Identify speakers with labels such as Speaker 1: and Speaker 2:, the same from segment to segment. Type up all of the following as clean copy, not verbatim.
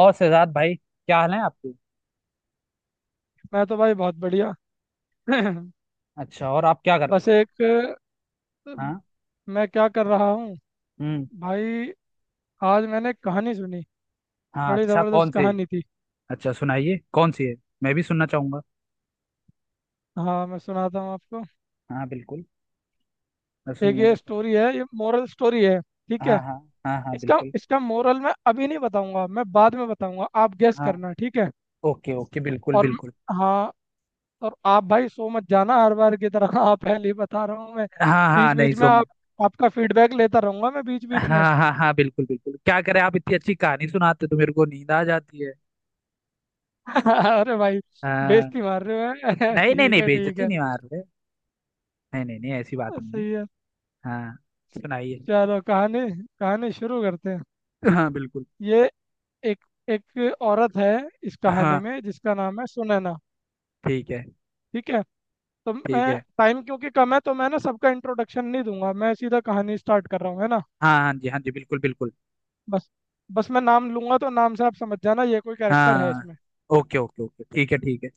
Speaker 1: और शहजाद भाई, क्या हाल है आपके।
Speaker 2: मैं तो भाई बहुत बढ़िया।
Speaker 1: अच्छा, और आप क्या कर रहे हो।
Speaker 2: बस एक,
Speaker 1: हाँ।
Speaker 2: मैं क्या कर रहा हूँ
Speaker 1: हम्म।
Speaker 2: भाई। आज मैंने एक कहानी सुनी।
Speaker 1: हाँ,
Speaker 2: बड़ी
Speaker 1: अच्छा
Speaker 2: ज़बरदस्त
Speaker 1: कौन सी।
Speaker 2: कहानी थी।
Speaker 1: अच्छा सुनाइए कौन सी है। मैं भी सुनना चाहूंगा।
Speaker 2: हाँ, मैं सुनाता हूँ आपको।
Speaker 1: हाँ बिल्कुल। मैं
Speaker 2: एक
Speaker 1: सुनने
Speaker 2: ये
Speaker 1: को तैयार
Speaker 2: स्टोरी है, ये मोरल स्टोरी है,
Speaker 1: हूं।
Speaker 2: ठीक
Speaker 1: हाँ
Speaker 2: है।
Speaker 1: हाँ। हाँ हाँ
Speaker 2: इसका
Speaker 1: बिल्कुल।
Speaker 2: इसका मोरल मैं अभी नहीं बताऊंगा, मैं बाद में बताऊंगा। आप गेस
Speaker 1: हाँ,
Speaker 2: करना, ठीक है।
Speaker 1: ओके ओके बिल्कुल
Speaker 2: और म-
Speaker 1: बिल्कुल।
Speaker 2: हाँ। और आप भाई सो मत जाना हर बार की तरह। हाँ, पहले ही बता रहा हूँ मैं।
Speaker 1: हाँ
Speaker 2: बीच
Speaker 1: हाँ, नहीं
Speaker 2: बीच में
Speaker 1: सोऊंगा।
Speaker 2: आप आपका फीडबैक लेता रहूंगा मैं बीच बीच में।
Speaker 1: हाँ हाँ हाँ बिल्कुल बिल्कुल, क्या करें, आप इतनी अच्छी कहानी सुनाते हो तो मेरे को नींद आ जाती है।
Speaker 2: अरे भाई,
Speaker 1: हाँ।
Speaker 2: बेइज्जती मार रहे हो? हैं?
Speaker 1: नहीं नहीं
Speaker 2: ठीक
Speaker 1: नहीं,
Speaker 2: है, ठीक
Speaker 1: बेइज्जती
Speaker 2: है।
Speaker 1: नहीं मार रहे। नहीं नहीं नहीं, ऐसी बात नहीं है।
Speaker 2: सही है।
Speaker 1: हाँ। सुनाइए।
Speaker 2: चलो, कहानी कहानी शुरू करते हैं।
Speaker 1: हाँ बिल्कुल।
Speaker 2: ये एक एक औरत है इस कहानी
Speaker 1: हाँ
Speaker 2: में, जिसका नाम है सुनैना।
Speaker 1: ठीक है
Speaker 2: ठीक है। तो मैं
Speaker 1: ठीक है।
Speaker 2: टाइम क्योंकि कम है, तो मैं ना सबका इंट्रोडक्शन नहीं दूंगा, मैं सीधा कहानी स्टार्ट कर रहा हूँ, है ना।
Speaker 1: हाँ हाँ जी हाँ जी बिल्कुल बिल्कुल।
Speaker 2: बस बस मैं नाम लूंगा तो नाम से आप समझ जाना ये कोई कैरेक्टर है
Speaker 1: हाँ,
Speaker 2: इसमें।
Speaker 1: ओके ओके ओके ठीक है ठीक है।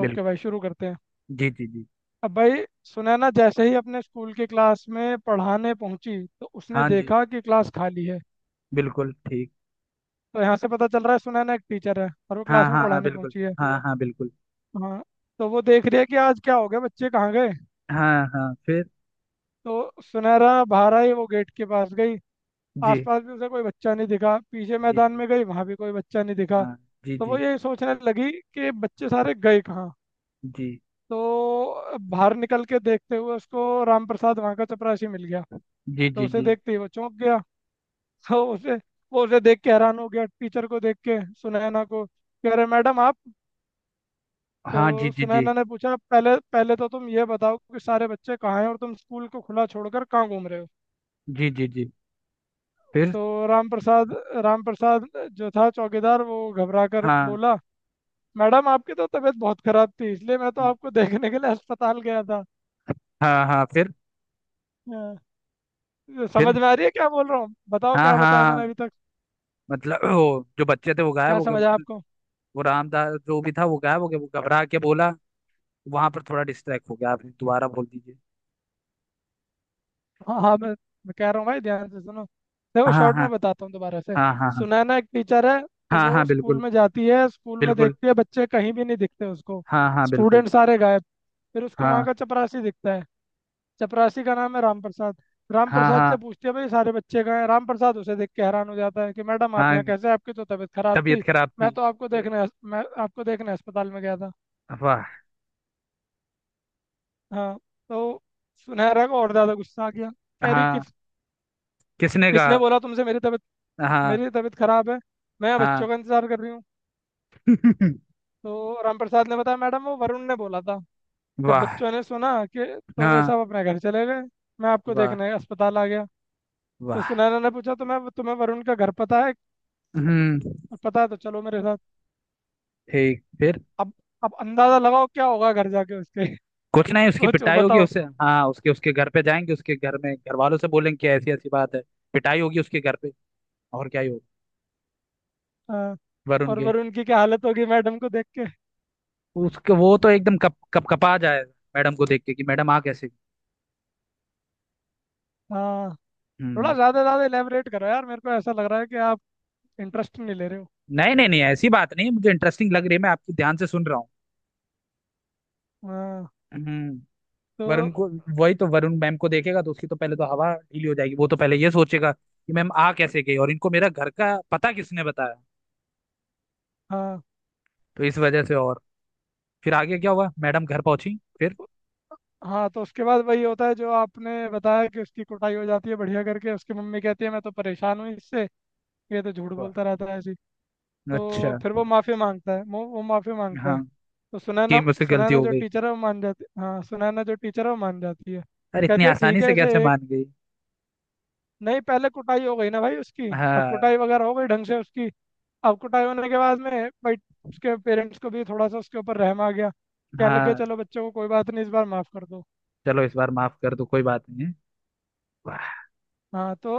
Speaker 1: बिल्कुल।
Speaker 2: ओके भाई, शुरू करते हैं।
Speaker 1: जी जी जी।
Speaker 2: अब भाई सुनैना जैसे ही अपने स्कूल की क्लास में पढ़ाने पहुंची तो उसने
Speaker 1: हाँ जी।
Speaker 2: देखा कि क्लास खाली है।
Speaker 1: बिल्कुल ठीक।
Speaker 2: तो यहाँ से पता चल रहा है सुनैना एक टीचर है और वो
Speaker 1: हाँ
Speaker 2: क्लास में
Speaker 1: हाँ हाँ
Speaker 2: पढ़ाने
Speaker 1: बिल्कुल।
Speaker 2: पहुंची है।
Speaker 1: हाँ हाँ बिल्कुल।
Speaker 2: हाँ। तो वो देख रही है कि आज क्या हो गया, बच्चे कहाँ गए।
Speaker 1: हाँ हाँ, फिर।
Speaker 2: तो सुनहरा बहारा ही वो गेट के पास गई,
Speaker 1: जी
Speaker 2: आसपास भी उसे कोई बच्चा नहीं दिखा, पीछे
Speaker 1: जी
Speaker 2: मैदान
Speaker 1: जी।
Speaker 2: में गई, वहां भी कोई बच्चा नहीं दिखा।
Speaker 1: हाँ। जी
Speaker 2: तो वो
Speaker 1: जी
Speaker 2: यही सोचने लगी कि बच्चे सारे गए कहाँ।
Speaker 1: जी।
Speaker 2: तो बाहर निकल के देखते हुए उसको राम प्रसाद वहाँ का चपरासी मिल गया।
Speaker 1: जी।
Speaker 2: तो
Speaker 1: जी
Speaker 2: उसे
Speaker 1: जी
Speaker 2: देखते ही वो चौंक गया। तो उसे वो उसे देख के हैरान हो गया टीचर को देख के, सुनैना को कह रहे, मैडम आप। तो
Speaker 1: हाँ। जी जी जी।
Speaker 2: सुनैना ने पूछा, पहले पहले तो तुम ये बताओ कि सारे बच्चे कहाँ हैं और तुम स्कूल को खुला छोड़कर कहाँ घूम रहे हो।
Speaker 1: जी जी जी। फिर।
Speaker 2: तो राम प्रसाद राम प्रसाद जो था चौकीदार वो घबरा कर
Speaker 1: हाँ
Speaker 2: बोला, मैडम आपकी तो तबीयत बहुत खराब थी, इसलिए मैं तो आपको देखने के लिए अस्पताल गया था।
Speaker 1: हाँ। हाँ, फिर।
Speaker 2: हाँ, समझ
Speaker 1: फिर।
Speaker 2: में आ रही है क्या बोल रहा हूँ, बताओ
Speaker 1: हाँ
Speaker 2: क्या बताया मैंने
Speaker 1: हाँ,
Speaker 2: अभी तक,
Speaker 1: मतलब वो जो बच्चे थे वो गायब
Speaker 2: क्या
Speaker 1: हो
Speaker 2: समझा
Speaker 1: गए।
Speaker 2: आपको।
Speaker 1: वो रामदास जो भी था वो गायब हो गया, वो घबरा के बोला। वहां पर थोड़ा डिस्ट्रैक्ट हो गया, आप दोबारा बोल दीजिए।
Speaker 2: हाँ हाँ। मैं कह रहा हूँ भाई, ध्यान से सुनो। देखो,
Speaker 1: हाँ
Speaker 2: शॉर्ट
Speaker 1: हाँ।
Speaker 2: में बताता हूँ दोबारा से।
Speaker 1: हाँ हाँ।
Speaker 2: सुनैना एक टीचर है। तो
Speaker 1: हाँ हाँ
Speaker 2: वो
Speaker 1: हाँ
Speaker 2: स्कूल
Speaker 1: बिल्कुल।
Speaker 2: में जाती है, स्कूल में
Speaker 1: बिल्कुल।
Speaker 2: देखती है बच्चे कहीं भी नहीं दिखते उसको।
Speaker 1: हाँ हाँ बिल्कुल।
Speaker 2: स्टूडेंट सारे गायब। फिर उसको वहाँ
Speaker 1: हाँ
Speaker 2: का चपरासी दिखता है। चपरासी का नाम है राम प्रसाद। राम
Speaker 1: हाँ।
Speaker 2: प्रसाद से
Speaker 1: हाँ।
Speaker 2: पूछती है, भाई सारे बच्चे कहाँ हैं। राम प्रसाद उसे देख के हैरान हो जाता है कि मैडम आप यहाँ
Speaker 1: हाँ
Speaker 2: कैसे, आपकी तो तबीयत खराब
Speaker 1: तबीयत
Speaker 2: थी।
Speaker 1: खराब थी।
Speaker 2: मैं आपको देखने अस्पताल में गया था।
Speaker 1: वाह।
Speaker 2: हाँ। तो सुनहरा को और ज्यादा गुस्सा आ गया। कह रही
Speaker 1: हाँ।
Speaker 2: किस
Speaker 1: किसने
Speaker 2: किसने
Speaker 1: कहा।
Speaker 2: बोला तुमसे मेरी तबीयत, मेरी
Speaker 1: हाँ।
Speaker 2: तो तबीयत खराब है। मैं यहाँ
Speaker 1: हाँ।
Speaker 2: बच्चों का इंतजार कर रही हूँ। तो राम प्रसाद ने बताया, मैडम वो वरुण ने बोला था, जब
Speaker 1: वाह।
Speaker 2: बच्चों ने सुना कि, तो वे
Speaker 1: हाँ।
Speaker 2: सब अपने घर चले गए। मैं आपको
Speaker 1: वाह।
Speaker 2: देखने अस्पताल आ गया। तो
Speaker 1: वाह।
Speaker 2: सुनैना ने पूछा, तो मैं तुम्हें वरुण का घर पता है?
Speaker 1: हम्म।
Speaker 2: पता है तो चलो मेरे साथ।
Speaker 1: ठीक, फिर।
Speaker 2: अब अब अंदाजा लगाओ क्या होगा घर जाके उसके।
Speaker 1: कुछ नहीं, उसकी
Speaker 2: सोचो,
Speaker 1: पिटाई होगी
Speaker 2: बताओ।
Speaker 1: उसे, हाँ, उसके उसके घर पे जाएंगे, उसके घर में घर वालों से बोलेंगे कि ऐसी ऐसी बात है। पिटाई होगी उसके घर पे। और क्या ही होगा।
Speaker 2: हाँ।
Speaker 1: वरुण
Speaker 2: और
Speaker 1: के।
Speaker 2: वरुण की क्या हालत होगी मैडम को देख के।
Speaker 1: उसके, वो तो एकदम कप कप कपा जाएगा मैडम को देख के, कि मैडम आ कैसे।
Speaker 2: हाँ। थोड़ा
Speaker 1: हम्म।
Speaker 2: ज़्यादा ज़्यादा इलेबरेट करो यार, मेरे को ऐसा लग रहा है कि आप इंटरेस्ट नहीं ले रहे हो।
Speaker 1: नहीं नहीं नहीं, ऐसी बात नहीं, मुझे इंटरेस्टिंग लग रही है, मैं आपकी ध्यान से सुन रहा हूँ।
Speaker 2: हाँ।
Speaker 1: हम्म।
Speaker 2: तो,
Speaker 1: वरुण को। वही तो, वरुण मैम को देखेगा तो उसकी तो पहले तो हवा ढीली हो जाएगी, वो तो पहले ये सोचेगा कि मैम आ कैसे गई और इनको मेरा घर का पता किसने बताया।
Speaker 2: हाँ
Speaker 1: तो इस वजह से और, फिर आगे क्या हुआ मैडम घर पहुंची फिर।
Speaker 2: हाँ। तो उसके बाद वही होता है जो आपने बताया, कि उसकी कुटाई हो जाती है बढ़िया करके। उसकी मम्मी कहती है मैं तो परेशान हूँ इससे, ये तो झूठ
Speaker 1: हुआ।
Speaker 2: बोलता रहता है ऐसी। तो
Speaker 1: अच्छा।
Speaker 2: फिर वो माफी मांगता है, वो माफी मांगता है।
Speaker 1: हाँ,
Speaker 2: तो
Speaker 1: कि
Speaker 2: सुनैना
Speaker 1: मुझसे गलती
Speaker 2: सुनैना
Speaker 1: हो
Speaker 2: जो
Speaker 1: गई।
Speaker 2: टीचर है वो मान जाती हाँ, सुनैना जो टीचर है वो मान जाती है।
Speaker 1: अरे इतनी
Speaker 2: कहती है ठीक
Speaker 1: आसानी
Speaker 2: है
Speaker 1: से
Speaker 2: इसे
Speaker 1: कैसे
Speaker 2: एक,
Speaker 1: मान गई।
Speaker 2: नहीं पहले कुटाई हो गई ना भाई उसकी। अब
Speaker 1: हाँ।
Speaker 2: कुटाई वगैरह हो गई ढंग से उसकी। अब कुटाई होने के बाद में, भाई उसके पेरेंट्स को भी थोड़ा सा उसके ऊपर रहम आ गया। कहने लग गया,
Speaker 1: हाँ,
Speaker 2: चलो बच्चों को कोई बात नहीं, इस बार माफ कर दो।
Speaker 1: चलो इस बार माफ कर दो, कोई बात नहीं है। वाह।
Speaker 2: हाँ।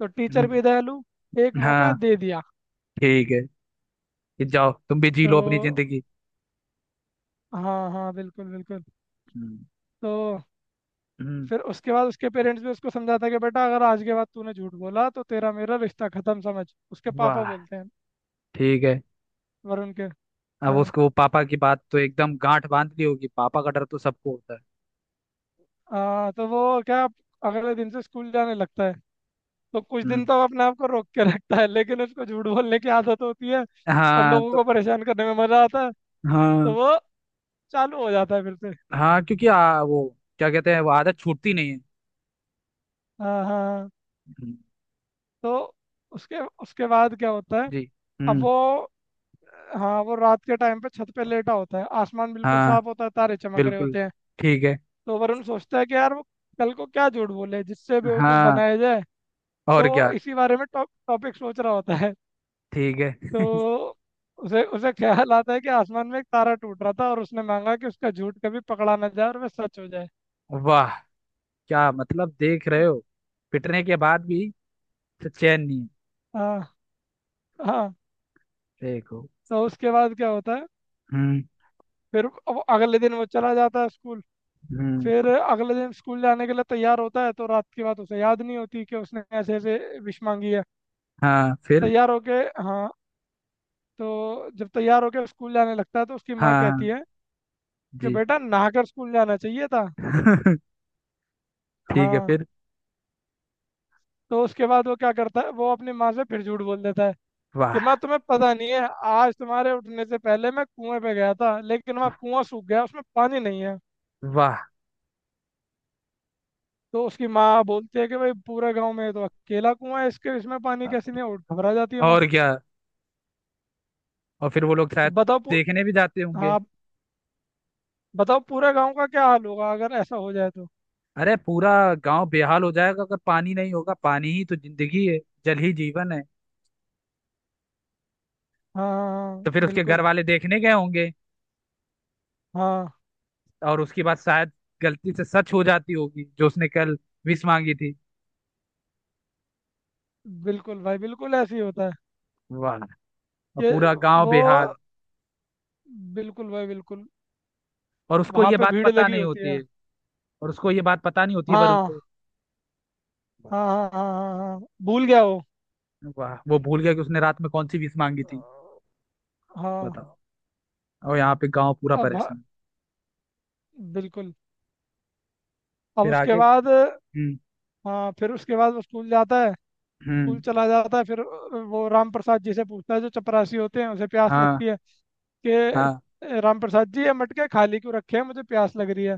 Speaker 2: तो टीचर
Speaker 1: हम्म।
Speaker 2: भी दयालु, एक मौका
Speaker 1: हाँ
Speaker 2: दे दिया।
Speaker 1: ठीक है, ये जाओ तुम भी जी लो अपनी
Speaker 2: तो,
Speaker 1: जिंदगी।
Speaker 2: हाँ हाँ, बिल्कुल बिल्कुल।
Speaker 1: हम्म।
Speaker 2: तो
Speaker 1: हम्म।
Speaker 2: फिर उसके बाद उसके पेरेंट्स भी उसको समझाता कि बेटा अगर आज के बाद तूने झूठ बोला तो तेरा मेरा रिश्ता खत्म समझ, उसके पापा
Speaker 1: वाह।
Speaker 2: बोलते हैं,
Speaker 1: ठीक है।
Speaker 2: वरुण के।
Speaker 1: अब
Speaker 2: हाँ।
Speaker 1: उसको पापा की बात तो एकदम गांठ बांध ली होगी, पापा का डर तो सबको होता है।
Speaker 2: हाँ तो वो क्या अगले दिन से स्कूल जाने लगता है। तो कुछ दिन
Speaker 1: हम्म।
Speaker 2: तो वो अपने आप को रोक के रखता है, लेकिन उसको झूठ बोलने की आदत होती है और
Speaker 1: हाँ,
Speaker 2: लोगों
Speaker 1: तो।
Speaker 2: को परेशान करने में मजा आता है। तो
Speaker 1: हाँ
Speaker 2: वो चालू हो जाता है फिर से।
Speaker 1: हाँ, क्योंकि वो क्या कहते हैं, वो आदत छूटती नहीं है।
Speaker 2: हाँ हाँ हाँ।
Speaker 1: हम्म।
Speaker 2: तो उसके उसके बाद क्या होता है।
Speaker 1: जी।
Speaker 2: अब
Speaker 1: हम्म।
Speaker 2: वो हाँ, वो रात के टाइम पे छत पे लेटा होता है, आसमान बिल्कुल
Speaker 1: हाँ
Speaker 2: साफ होता है, तारे चमक रहे
Speaker 1: बिल्कुल।
Speaker 2: होते हैं।
Speaker 1: ठीक है।
Speaker 2: तो वरुण सोचता है कि यार वो कल को क्या झूठ बोले जिससे बेवकूफ़
Speaker 1: हाँ
Speaker 2: बनाया जाए।
Speaker 1: और
Speaker 2: तो वो
Speaker 1: क्या।
Speaker 2: इसी बारे में टॉपिक सोच रहा होता है।
Speaker 1: ठीक है।
Speaker 2: तो उसे उसे ख्याल आता है कि आसमान में एक तारा टूट रहा था और उसने मांगा कि उसका झूठ कभी पकड़ा ना जाए और वह सच हो जाए।
Speaker 1: वाह, क्या मतलब देख रहे हो, पिटने के बाद भी तो चैन नहीं है।
Speaker 2: हाँ हाँ।
Speaker 1: देखो।
Speaker 2: तो उसके बाद क्या होता है।
Speaker 1: हम्म।
Speaker 2: फिर अब अगले दिन वो चला जाता है स्कूल।
Speaker 1: हम्म।
Speaker 2: फिर अगले दिन स्कूल जाने के लिए तैयार होता है तो रात की बात उसे याद नहीं होती कि उसने ऐसे ऐसे विश मांगी है।
Speaker 1: हाँ, फिर।
Speaker 2: तैयार होके, हाँ। तो जब तैयार होके स्कूल जाने लगता है तो उसकी माँ
Speaker 1: हाँ
Speaker 2: कहती
Speaker 1: हाँ,
Speaker 2: है कि
Speaker 1: जी।
Speaker 2: बेटा नहाकर स्कूल जाना चाहिए था।
Speaker 1: ठीक है,
Speaker 2: हाँ।
Speaker 1: फिर।
Speaker 2: तो उसके बाद वो क्या करता है, वो अपनी माँ से फिर झूठ बोल देता है कि माँ
Speaker 1: वाह।
Speaker 2: तुम्हें पता नहीं है, आज तुम्हारे उठने से पहले मैं कुएं पे गया था लेकिन वहाँ कुआं सूख गया, उसमें पानी नहीं है।
Speaker 1: वाह।
Speaker 2: तो उसकी माँ बोलती है कि भाई पूरे गाँव में ये तो अकेला कुआं है, इसके इसमें पानी कैसे नहीं है? और घबरा जाती है माँ।
Speaker 1: और क्या, और फिर वो लोग शायद
Speaker 2: अब बताओ,
Speaker 1: देखने भी जाते होंगे।
Speaker 2: हाँ। बताओ पूरे गांव का क्या हाल होगा अगर ऐसा हो जाए तो।
Speaker 1: अरे पूरा गांव बेहाल हो जाएगा अगर पानी नहीं होगा, पानी ही तो जिंदगी है। जल ही जीवन है।
Speaker 2: हाँ हाँ
Speaker 1: तो
Speaker 2: हाँ,
Speaker 1: फिर उसके घर
Speaker 2: बिल्कुल।
Speaker 1: वाले देखने गए होंगे,
Speaker 2: हाँ,
Speaker 1: और उसके बाद शायद गलती से सच हो जाती होगी जो उसने कल विश मांगी थी।
Speaker 2: बिल्कुल भाई, बिल्कुल ऐसे ही होता है
Speaker 1: वाह। और
Speaker 2: कि
Speaker 1: पूरा गांव
Speaker 2: वो,
Speaker 1: बेहाल।
Speaker 2: बिल्कुल भाई, बिल्कुल।
Speaker 1: और उसको
Speaker 2: वहां
Speaker 1: ये
Speaker 2: पे
Speaker 1: बात
Speaker 2: भीड़
Speaker 1: पता
Speaker 2: लगी
Speaker 1: नहीं
Speaker 2: होती
Speaker 1: होती
Speaker 2: है।
Speaker 1: है। और उसको ये बात पता नहीं होती है, पर
Speaker 2: हाँ
Speaker 1: उनको। वाह।
Speaker 2: हाँ हाँ हाँ हाँ हाँ, भूल गया वो।
Speaker 1: वाह, वो भूल गया कि उसने रात में कौन सी विश मांगी थी।
Speaker 2: हाँ।
Speaker 1: बताओ। और यहाँ पे गांव पूरा
Speaker 2: अब,
Speaker 1: परेशान।
Speaker 2: बिल्कुल। अब
Speaker 1: फिर
Speaker 2: उसके
Speaker 1: आगे।
Speaker 2: बाद,
Speaker 1: हम्म।
Speaker 2: हाँ, फिर उसके बाद वो स्कूल जाता है। स्कूल
Speaker 1: हम्म।
Speaker 2: चला जाता है फिर। वो राम प्रसाद जी से पूछता है, जो चपरासी होते हैं, उसे प्यास
Speaker 1: हाँ
Speaker 2: लगती है,
Speaker 1: हाँ।
Speaker 2: कि राम प्रसाद जी ये मटके खाली क्यों रखे हैं, मुझे प्यास लग रही है।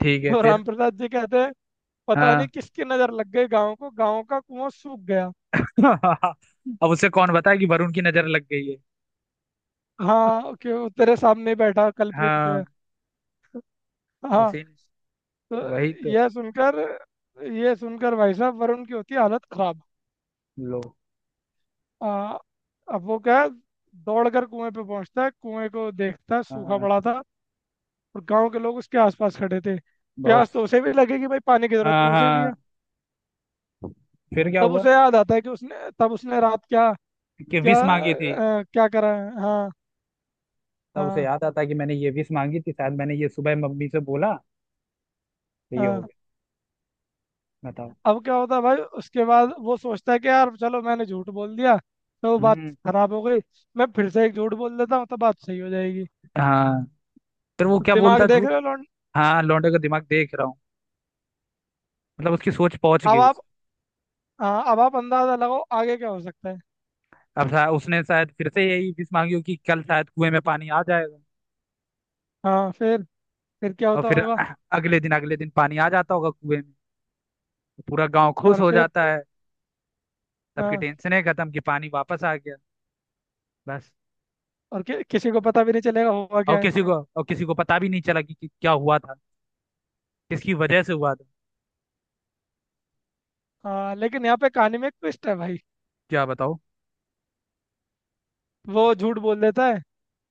Speaker 1: ठीक है,
Speaker 2: तो
Speaker 1: फिर।
Speaker 2: रामप्रसाद जी कहते हैं, पता नहीं
Speaker 1: हाँ।
Speaker 2: किसकी नजर लग गई गांव को, गांव का कुआं सूख गया।
Speaker 1: अब उसे कौन बताए कि वरुण की नजर लग गई है।
Speaker 2: हाँ क्यों, तेरे सामने ही बैठा कल्प्रिट जो
Speaker 1: हाँ।
Speaker 2: है। हाँ।
Speaker 1: उसी ने।
Speaker 2: तो
Speaker 1: वही तो।
Speaker 2: यह सुनकर, यह सुनकर भाई साहब वरुण की होती है हालत खराब।
Speaker 1: लो।
Speaker 2: आ, अब वो क्या है, दौड़ कर कुएं पे पहुंचता है, कुएं को देखता है, सूखा
Speaker 1: हाँ।
Speaker 2: पड़ा था और गांव के लोग उसके आसपास खड़े थे। प्यास
Speaker 1: बहुत।
Speaker 2: तो उसे भी लगेगी भाई, पानी की जरूरत
Speaker 1: हाँ
Speaker 2: तो उसे भी
Speaker 1: हाँ,
Speaker 2: है।
Speaker 1: फिर क्या
Speaker 2: तब
Speaker 1: हुआ।
Speaker 2: उसे याद आता है कि उसने, तब उसने रात क्या
Speaker 1: कि
Speaker 2: क्या
Speaker 1: विश मांगी थी।
Speaker 2: क्या करा है। हाँ
Speaker 1: तब उसे
Speaker 2: हाँ
Speaker 1: याद आता कि मैंने ये विश मांगी थी, शायद मैंने ये सुबह मम्मी से बोला तो ये हो
Speaker 2: हाँ।
Speaker 1: गया। बताओ।
Speaker 2: अब क्या होता है भाई, उसके बाद वो सोचता है कि यार चलो मैंने झूठ बोल दिया तो बात
Speaker 1: हम्म।
Speaker 2: खराब हो गई, मैं फिर से एक झूठ बोल देता हूँ तो बात सही हो जाएगी।
Speaker 1: हाँ, फिर वो क्या
Speaker 2: दिमाग
Speaker 1: बोलता
Speaker 2: देख
Speaker 1: झूठ।
Speaker 2: रहे हो लौंड।
Speaker 1: हाँ, लौंडे का दिमाग देख रहा हूँ। मतलब उसकी सोच पहुंच गई
Speaker 2: अब
Speaker 1: उस।
Speaker 2: आप हाँ, अब आप अंदाजा लगाओ आगे क्या हो सकता है।
Speaker 1: उसने शायद फिर से यही विश मांगी हो कि कल शायद कुएं में पानी आ जाएगा।
Speaker 2: हाँ फिर क्या
Speaker 1: और
Speaker 2: होता
Speaker 1: फिर
Speaker 2: होगा।
Speaker 1: अगले दिन पानी आ जाता होगा कुएं में, तो पूरा गांव खुश
Speaker 2: और
Speaker 1: हो
Speaker 2: फिर,
Speaker 1: जाता है। सबकी
Speaker 2: हाँ।
Speaker 1: टेंशन है खत्म, कि पानी वापस आ गया। बस।
Speaker 2: और किसी को पता भी नहीं चलेगा हुआ
Speaker 1: और
Speaker 2: क्या है।
Speaker 1: किसी को, और किसी को पता भी नहीं चला कि क्या हुआ था। किसकी वजह से हुआ था।
Speaker 2: हाँ, लेकिन यहाँ पे कहानी में एक ट्विस्ट है भाई।
Speaker 1: क्या बताओ।
Speaker 2: वो झूठ बोल देता है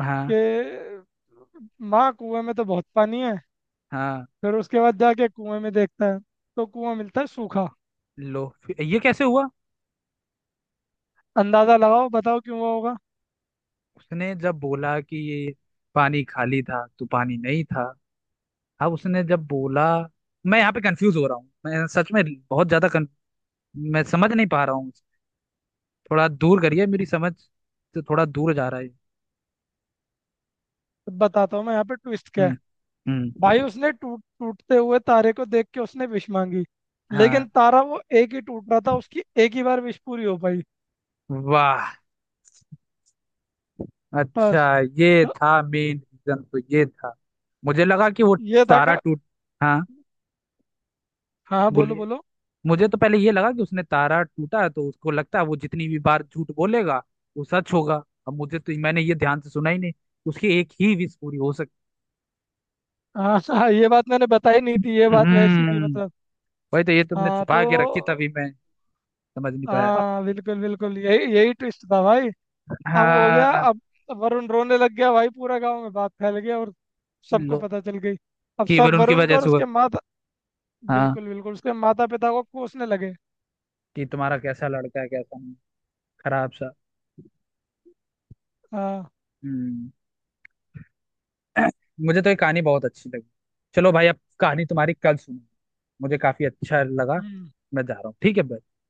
Speaker 1: हाँ।
Speaker 2: कि माँ कुएं में तो बहुत पानी है।
Speaker 1: हाँ।
Speaker 2: फिर उसके बाद जाके कुएं में देखता है तो कुआं मिलता है सूखा।
Speaker 1: लो, फिर ये कैसे हुआ।
Speaker 2: अंदाजा लगाओ, बताओ क्यों हुआ होगा।
Speaker 1: उसने जब बोला कि ये पानी खाली था, तो पानी नहीं था। अब उसने जब बोला, मैं यहाँ पे कंफ्यूज हो रहा हूँ, मैं सच में बहुत ज्यादा कन... मैं समझ नहीं पा रहा हूँ। थोड़ा दूर करिए, मेरी समझ से थोड़ा दूर जा रहा है।
Speaker 2: तो बताता हूँ मैं यहाँ पे ट्विस्ट क्या है
Speaker 1: हम्म।
Speaker 2: भाई।
Speaker 1: हम्म।
Speaker 2: उसने टूटते हुए तारे को देख के उसने विश मांगी,
Speaker 1: हाँ।
Speaker 2: लेकिन तारा वो एक ही टूट रहा था, उसकी एक ही बार विश पूरी हो पाई।
Speaker 1: वाह।
Speaker 2: बस।
Speaker 1: अच्छा, ये
Speaker 2: तो
Speaker 1: था मेन रीजन, तो ये था। मुझे लगा कि वो
Speaker 2: ये था
Speaker 1: तारा
Speaker 2: का।
Speaker 1: टूट। हाँ।
Speaker 2: हाँ, बोलो
Speaker 1: बोलिए।
Speaker 2: बोलो।
Speaker 1: मुझे तो पहले ये लगा कि उसने तारा टूटा है, तो उसको लगता है वो जितनी भी बार झूठ बोलेगा वो सच होगा। अब मुझे तो, मैंने ये ध्यान से सुना ही नहीं, उसकी एक ही विश पूरी हो सकती।
Speaker 2: हाँ हाँ, ये बात मैंने बताई नहीं थी, ये बात वैसी थी
Speaker 1: हम्म।
Speaker 2: मतलब।
Speaker 1: वही तो, ये तुमने
Speaker 2: हाँ।
Speaker 1: छुपा
Speaker 2: तो,
Speaker 1: के रखी तभी मैं समझ नहीं पाया।
Speaker 2: हाँ बिल्कुल बिल्कुल, यही यही ट्विस्ट था भाई। अब हो गया।
Speaker 1: हाँ।
Speaker 2: अब वरुण रोने लग गया भाई, पूरा गांव में बात फैल गया और सबको
Speaker 1: लो।
Speaker 2: पता चल गई। अब
Speaker 1: केवल
Speaker 2: सब
Speaker 1: उनकी
Speaker 2: वरुण को
Speaker 1: वजह
Speaker 2: और
Speaker 1: से हुआ।
Speaker 2: उसके माता,
Speaker 1: हाँ,
Speaker 2: बिल्कुल बिल्कुल उसके माता पिता को कोसने लगे।
Speaker 1: कि तुम्हारा कैसा लड़का है, कैसा नहीं, खराब सा।
Speaker 2: हाँ।
Speaker 1: हम्म। मुझे तो ये कहानी बहुत अच्छी लगी। चलो भाई, अब कहानी तुम्हारी कल सुनो। मुझे काफी अच्छा लगा।
Speaker 2: हम्म।
Speaker 1: मैं जा रहा हूँ, ठीक है भाई।